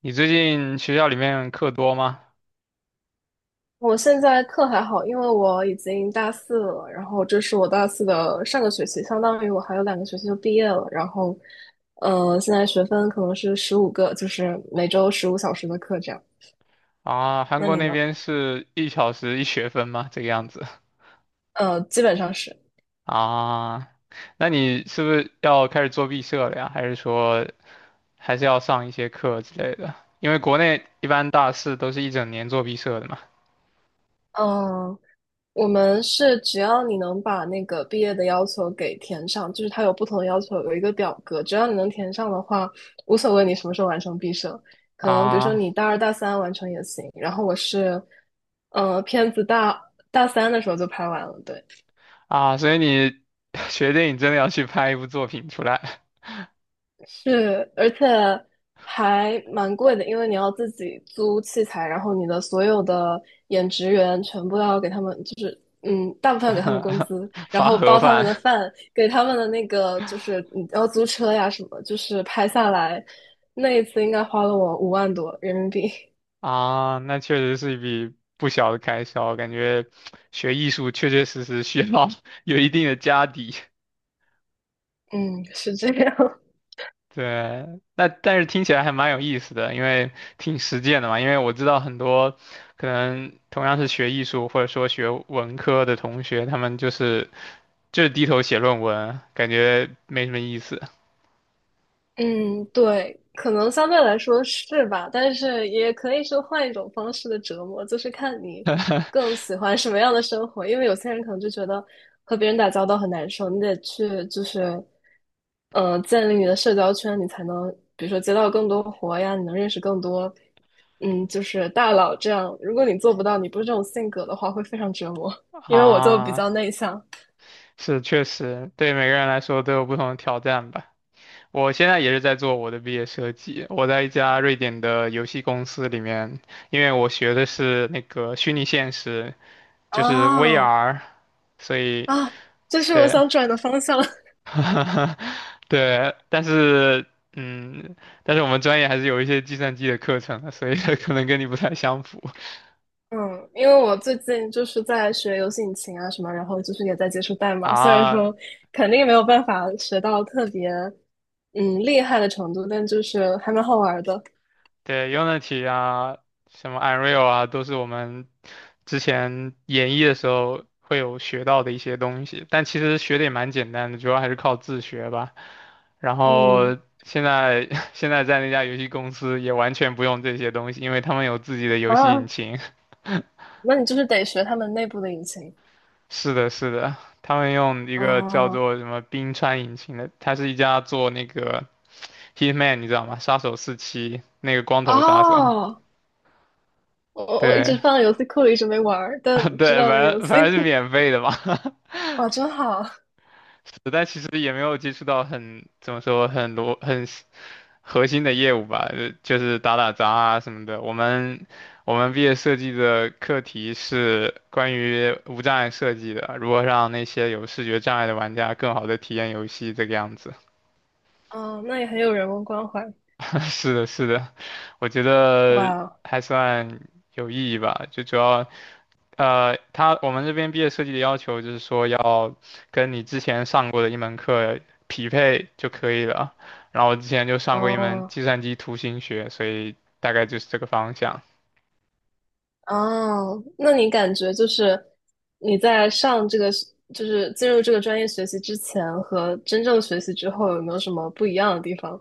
你最近学校里面课多吗？我现在课还好，因为我已经大四了，然后这是我大四的上个学期，相当于我还有2个学期就毕业了。然后，现在学分可能是15个，就是每周15小时的课这样。啊，韩那国你那呢？边是一小时一学分吗？这个样子。基本上是，啊？那你是不是要开始做毕设了呀？还是说还是要上一些课之类的？因为国内一般大四都是一整年做毕设的嘛。嗯、我们是只要你能把那个毕业的要求给填上，就是它有不同的要求，有一个表格，只要你能填上的话，无所谓你什么时候完成毕设。可能比如说啊你大二大三完成也行，然后我是，片子大三的时候就拍完了，对。啊，所以你 学电影真的要去拍一部作品出来。是，而且还蛮贵的，因为你要自己租器材，然后你的所有的演职员全部要给他们，就是大部分要给他们工 资，然发后盒包他们的饭。饭，给他们的那个就是你要租车呀什么，就是拍下来那一次应该花了我5万多人民币。啊，那确实是一笔不小的开销，感觉学艺术确确实实需要 有一定的家底。嗯，是这样。对，那但是听起来还蛮有意思的，因为挺实践的嘛。因为我知道很多可能同样是学艺术或者说学文科的同学，他们就是低头写论文，感觉没什么意思嗯，对，可能相对来说是吧，但是也可以是换一种方式的折磨，就是看你更喜欢什么样的生活。因为有些人可能就觉得和别人打交道很难受，你得去就是，建立你的社交圈，你才能比如说接到更多活呀，你能认识更多，就是大佬这样。如果你做不到，你不是这种性格的话，会非常折磨。因为我就比啊。较内向。是确实，对每个人来说都有不同的挑战吧。我现在也是在做我的毕业设计，我在一家瑞典的游戏公司里面，因为我学的是那个虚拟现实，就是 啊 VR,所以啊，这是我对，想转的方向。对，嗯，但是我们专业还是有一些计算机的课程的，所以 可能跟你不太相符嗯，因为我最近就是在学游戏引擎啊什么，然后就是也在接触代码。虽然啊。说肯定没有办法学到特别厉害的程度，但就是还蛮好玩儿的。对，Unity 啊，什么 Unreal 啊，都是我们之前演绎的时候会有学到的一些东西，但其实学的也蛮简单的，主要还是靠自学吧。然嗯。后现在 现在在那家游戏公司也完全不用这些东西，因为他们有自己的游戏引啊，擎。那你就是得学他们内部的引擎。是的，是的，他们用一个叫哦做什么冰川引擎的，它是一家做那个 Hitman,你知道吗？杀手四七那个光头杀手，哦，我一直对。放在游戏库里，一直没玩儿 但知对，道那个反游正戏。反正是免 费的嘛。哇，真好。是但其实也没有接触到很怎么说很多很核心的业务吧，就是打打杂啊什么的。我们毕业设计的课题是关于无障碍设计的，如何让那些有视觉障碍的玩家更好的体验游戏，这个样子。嗯，那也很有人文关怀。是的，是的，我觉得哇，还算有意义吧，就主要我们这边毕业设计的要求就是说要跟你之前上过的一门课匹配就可以了。然后我之前就哦，上过一门哦计算机图形学，所以大概就是这个方向。哦，那你感觉就是你在上这个是，就是进入这个专业学习之前和真正学习之后，有没有什么不一样的地方？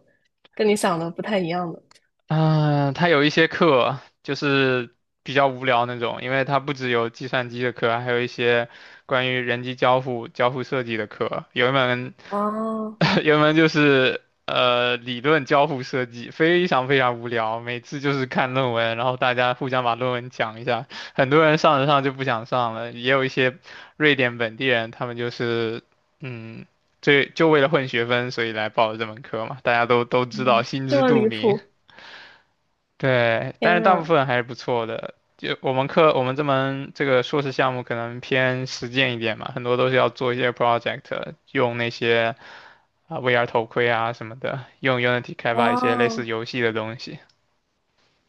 跟你想的不太一样的？嗯，它有一些课就是比较无聊那种，因为它不只有计算机的课，还有一些关于人机交互、交互设计的课。有一门，哦，有一门就是理论交互设计，非常非常无聊。每次就是看论文，然后大家互相把论文讲一下。很多人上着上就不想上了，也有一些瑞典本地人，他们就是嗯，这就为了混学分，所以来报了这门课嘛。大家都知道，嗯，心这知么肚离明。谱！对，但天是大部啊！分还是不错的。就我们课，我们这门这个硕士项目可能偏实践一点嘛，很多都是要做一些 project,用那些啊、VR 头盔啊什么的，用 Unity 开发一些类似哦游戏的东西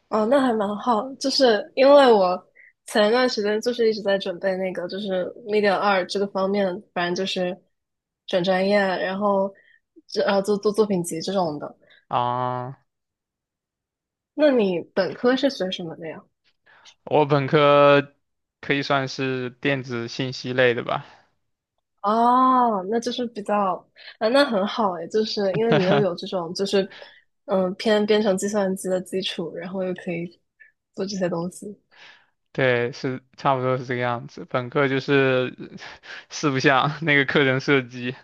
哦，那还蛮好，就是因为我前一段时间就是一直在准备那个，就是 Media 二这个方面，反正就是转专业，然后这做做作品集这种的。啊。那你本科是学什么的呀？我本科可以算是电子信息类的吧，哦，那就是比较。啊，那很好诶，就是因为你又有这种就是偏编程计算机的基础，然后又可以做这些东西。对，是差不多是这个样子。本科就是 四不像那个课程设计。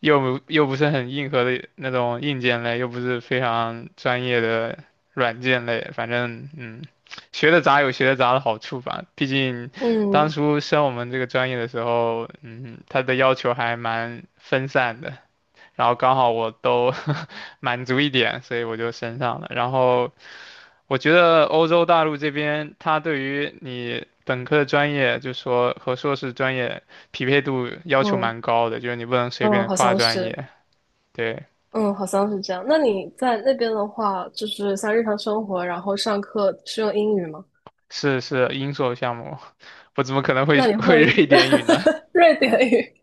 又不是很硬核的那种硬件类，又不是非常专业的软件类，反正嗯，学的杂有学的杂的好处吧。毕竟当嗯。初升我们这个专业的时候，嗯，它的要求还蛮分散的，然后刚好我都 满足一点，所以我就升上了。然后我觉得欧洲大陆这边，它对于你。本科的专业就说和硕士专业匹配度要求嗯蛮高的，就是你不能随便嗯，的好跨像专是，业，对，嗯，好像是这样。那你在那边的话，就是像日常生活，然后上课是用英语吗？是是英硕项目，我怎么可能会那你会会 瑞典语呢？瑞典语？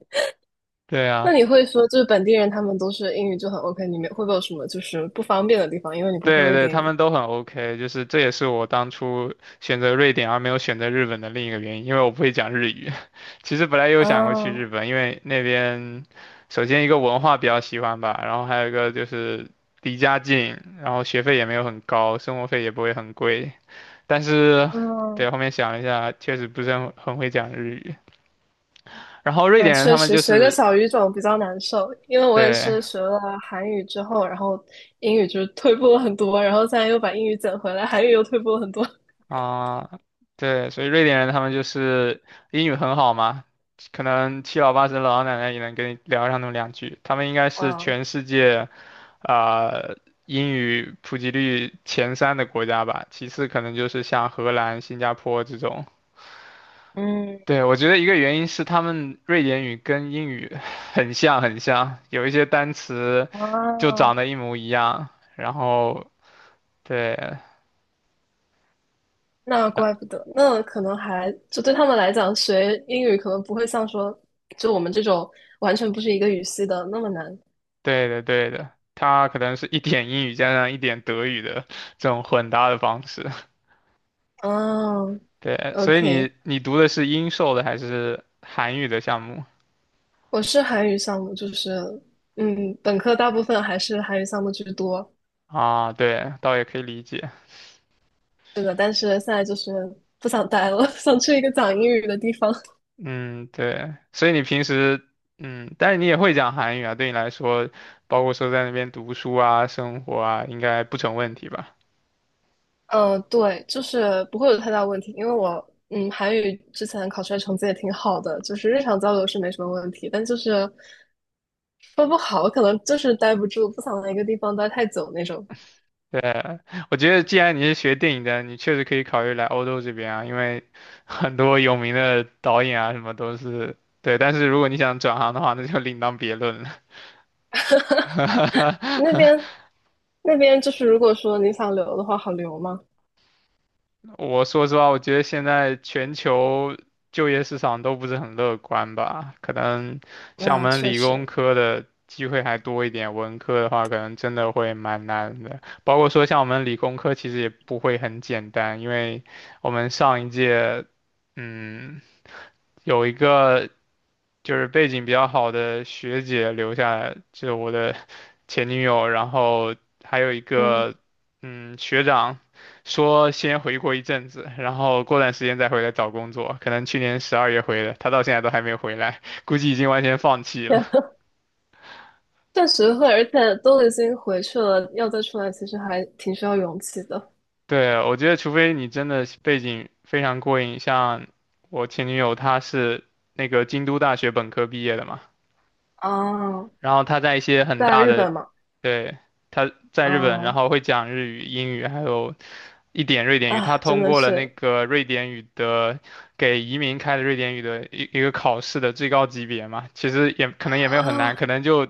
对那你啊，会说，就是本地人他们都是英语就很 OK，你们会不会有什么就是不方便的地方？因为你不会对瑞对，典他语。们都很 OK,就是这也是我当初选择瑞典而没有选择日本的另一个原因，因为我不会讲日语。其实本来有想过去日嗯本，因为那边首先一个文化比较喜欢吧，然后还有一个就是离家近，然后学费也没有很高，生活费也不会很贵，但是。嗯对，后面想了一下，确实不是很会讲日语。然后瑞嗯，典人确他们实就学个是小语种比较难受，因为我也对，是学了韩语之后，然后英语就退步了很多，然后现在又把英语捡回来，韩语又退步了很多。啊，对，所以瑞典人他们就是英语很好嘛，可能七老八十的老奶奶也能跟你聊上那么两句。他们应该 是啊全世界啊、呃英语普及率前三的国家吧，其次可能就是像荷兰、新加坡这种。嗯对，我觉得一个原因是他们瑞典语跟英语 很像很像，有一些单词就啊，长得一模一样，然后对。那怪不得，那可能还就对他们来讲，学英语可能不会像说就我们这种完全不是一个语系的那么难。对的，对的，它可能是一点英语加上一点德语的这种混搭的方式。嗯对，所以你，OK，你读的是英授的还是韩语的项目我是韩语项目，就是本科大部分还是韩语项目居多。啊？对，倒也可以理解。是的，但是现在就是不想待了，想去一个讲英语的地方。嗯，对，所以你平时嗯，但是你也会讲韩语啊，对你来说，包括说在那边读书啊、生活啊，应该不成问题吧？嗯，对，就是不会有太大问题，因为我韩语之前考出来成绩也挺好的，就是日常交流是没什么问题，但就是说不好，可能就是待不住，不想在一个地方待太久那种。对，我觉得既然你是学电影的，你确实可以考虑来欧洲这边啊，因为 很多有名的导演啊，什么都是对。但是如果你想转行的话，那就另当别论了。那边就是如果说你想留的话，好留吗？我说实话，我觉得现在全球就业市场都不是很乐观吧，可能像我那们确理工实，科的机会还多一点，文科的话可能真的会蛮难的。包括说像我们理工科其实也不会很简单，因为我们上一届，嗯。有一个就是背景比较好的学姐留下来，就我的前女友，然后还有一嗯，个嗯学长，说先回国一阵子，然后过段时间再回来找工作，可能去年十二月回的，他到现在都还没回来，估计已经完全放 弃天了。啊。确实会，而且都已经回去了，要再出来，其实还挺需要勇气的。对，我觉得除非你真的背景非常过硬，像我前女友她是那个京都大学本科毕业的嘛，啊，然后她在一些很在大日的，本嘛，对，她在日本，然嗯。后会讲日语、英语还有一点瑞典语，啊，他真通的过了那是。个瑞典语的给移民开的瑞典语的一个考试的最高级别嘛，其实也可能也没有很难，啊可能就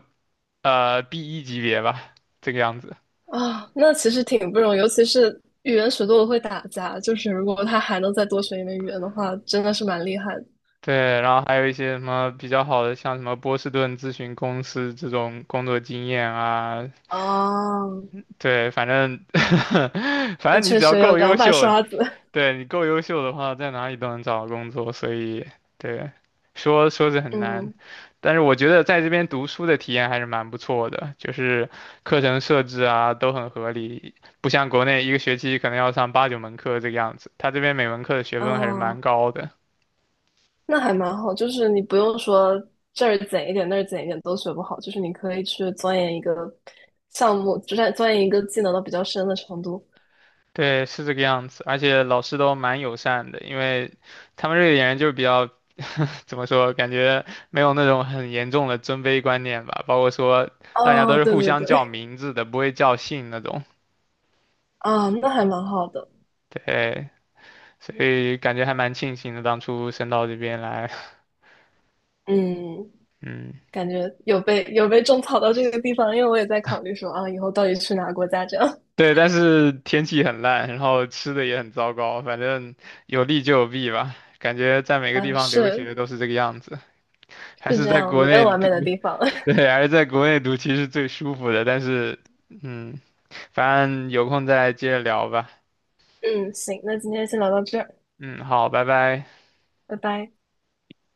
b 一级别吧，这个样子。啊，那其实挺不容易，尤其是语言学多了会打架，就是如果他还能再多学一门语言的话，真的是蛮厉害的。对，然后还有一些什么比较好的，像什么波士顿咨询公司这种工作经验啊，哦，对，反正 反那正你确只要实有够优两把秀，刷子，对，你够优秀的话，在哪里都能找到工作，所以对，说说是 很难，嗯，但是我觉得在这边读书的体验还是蛮不错的，就是课程设置啊都很合理，不像国内一个学期可能要上八九门课这个样子，他这边每门课的学分还是啊，蛮高的。那还蛮好，就是你不用说这儿减一点那儿减一点都学不好，就是你可以去钻研一个项目，就算钻研一个技能到比较深的程度。对，是这个样子，而且老师都蛮友善的，因为他们瑞典人就是比较，怎么说，感觉没有那种很严重的尊卑观念吧，包括说大家都哦，是对互对相叫对，名字的，不会叫姓那种。啊，那还蛮好的，对，所以感觉还蛮庆幸的，当初升到这边来，嗯。嗯。感觉有被种草到这个地方，因为我也在考虑说啊，以后到底去哪个国家这样。对，但是天气很烂，然后吃的也很糟糕，反正有利就有弊吧。感觉在每个地啊，方留是。学都是这个样子，还是是这在样，国没内有完美的地方。对，还是在国内读其实最舒服的，但是，嗯，反正有空再接着聊吧。嗯，行，那今天先聊到这儿，嗯，好，拜拜。拜拜。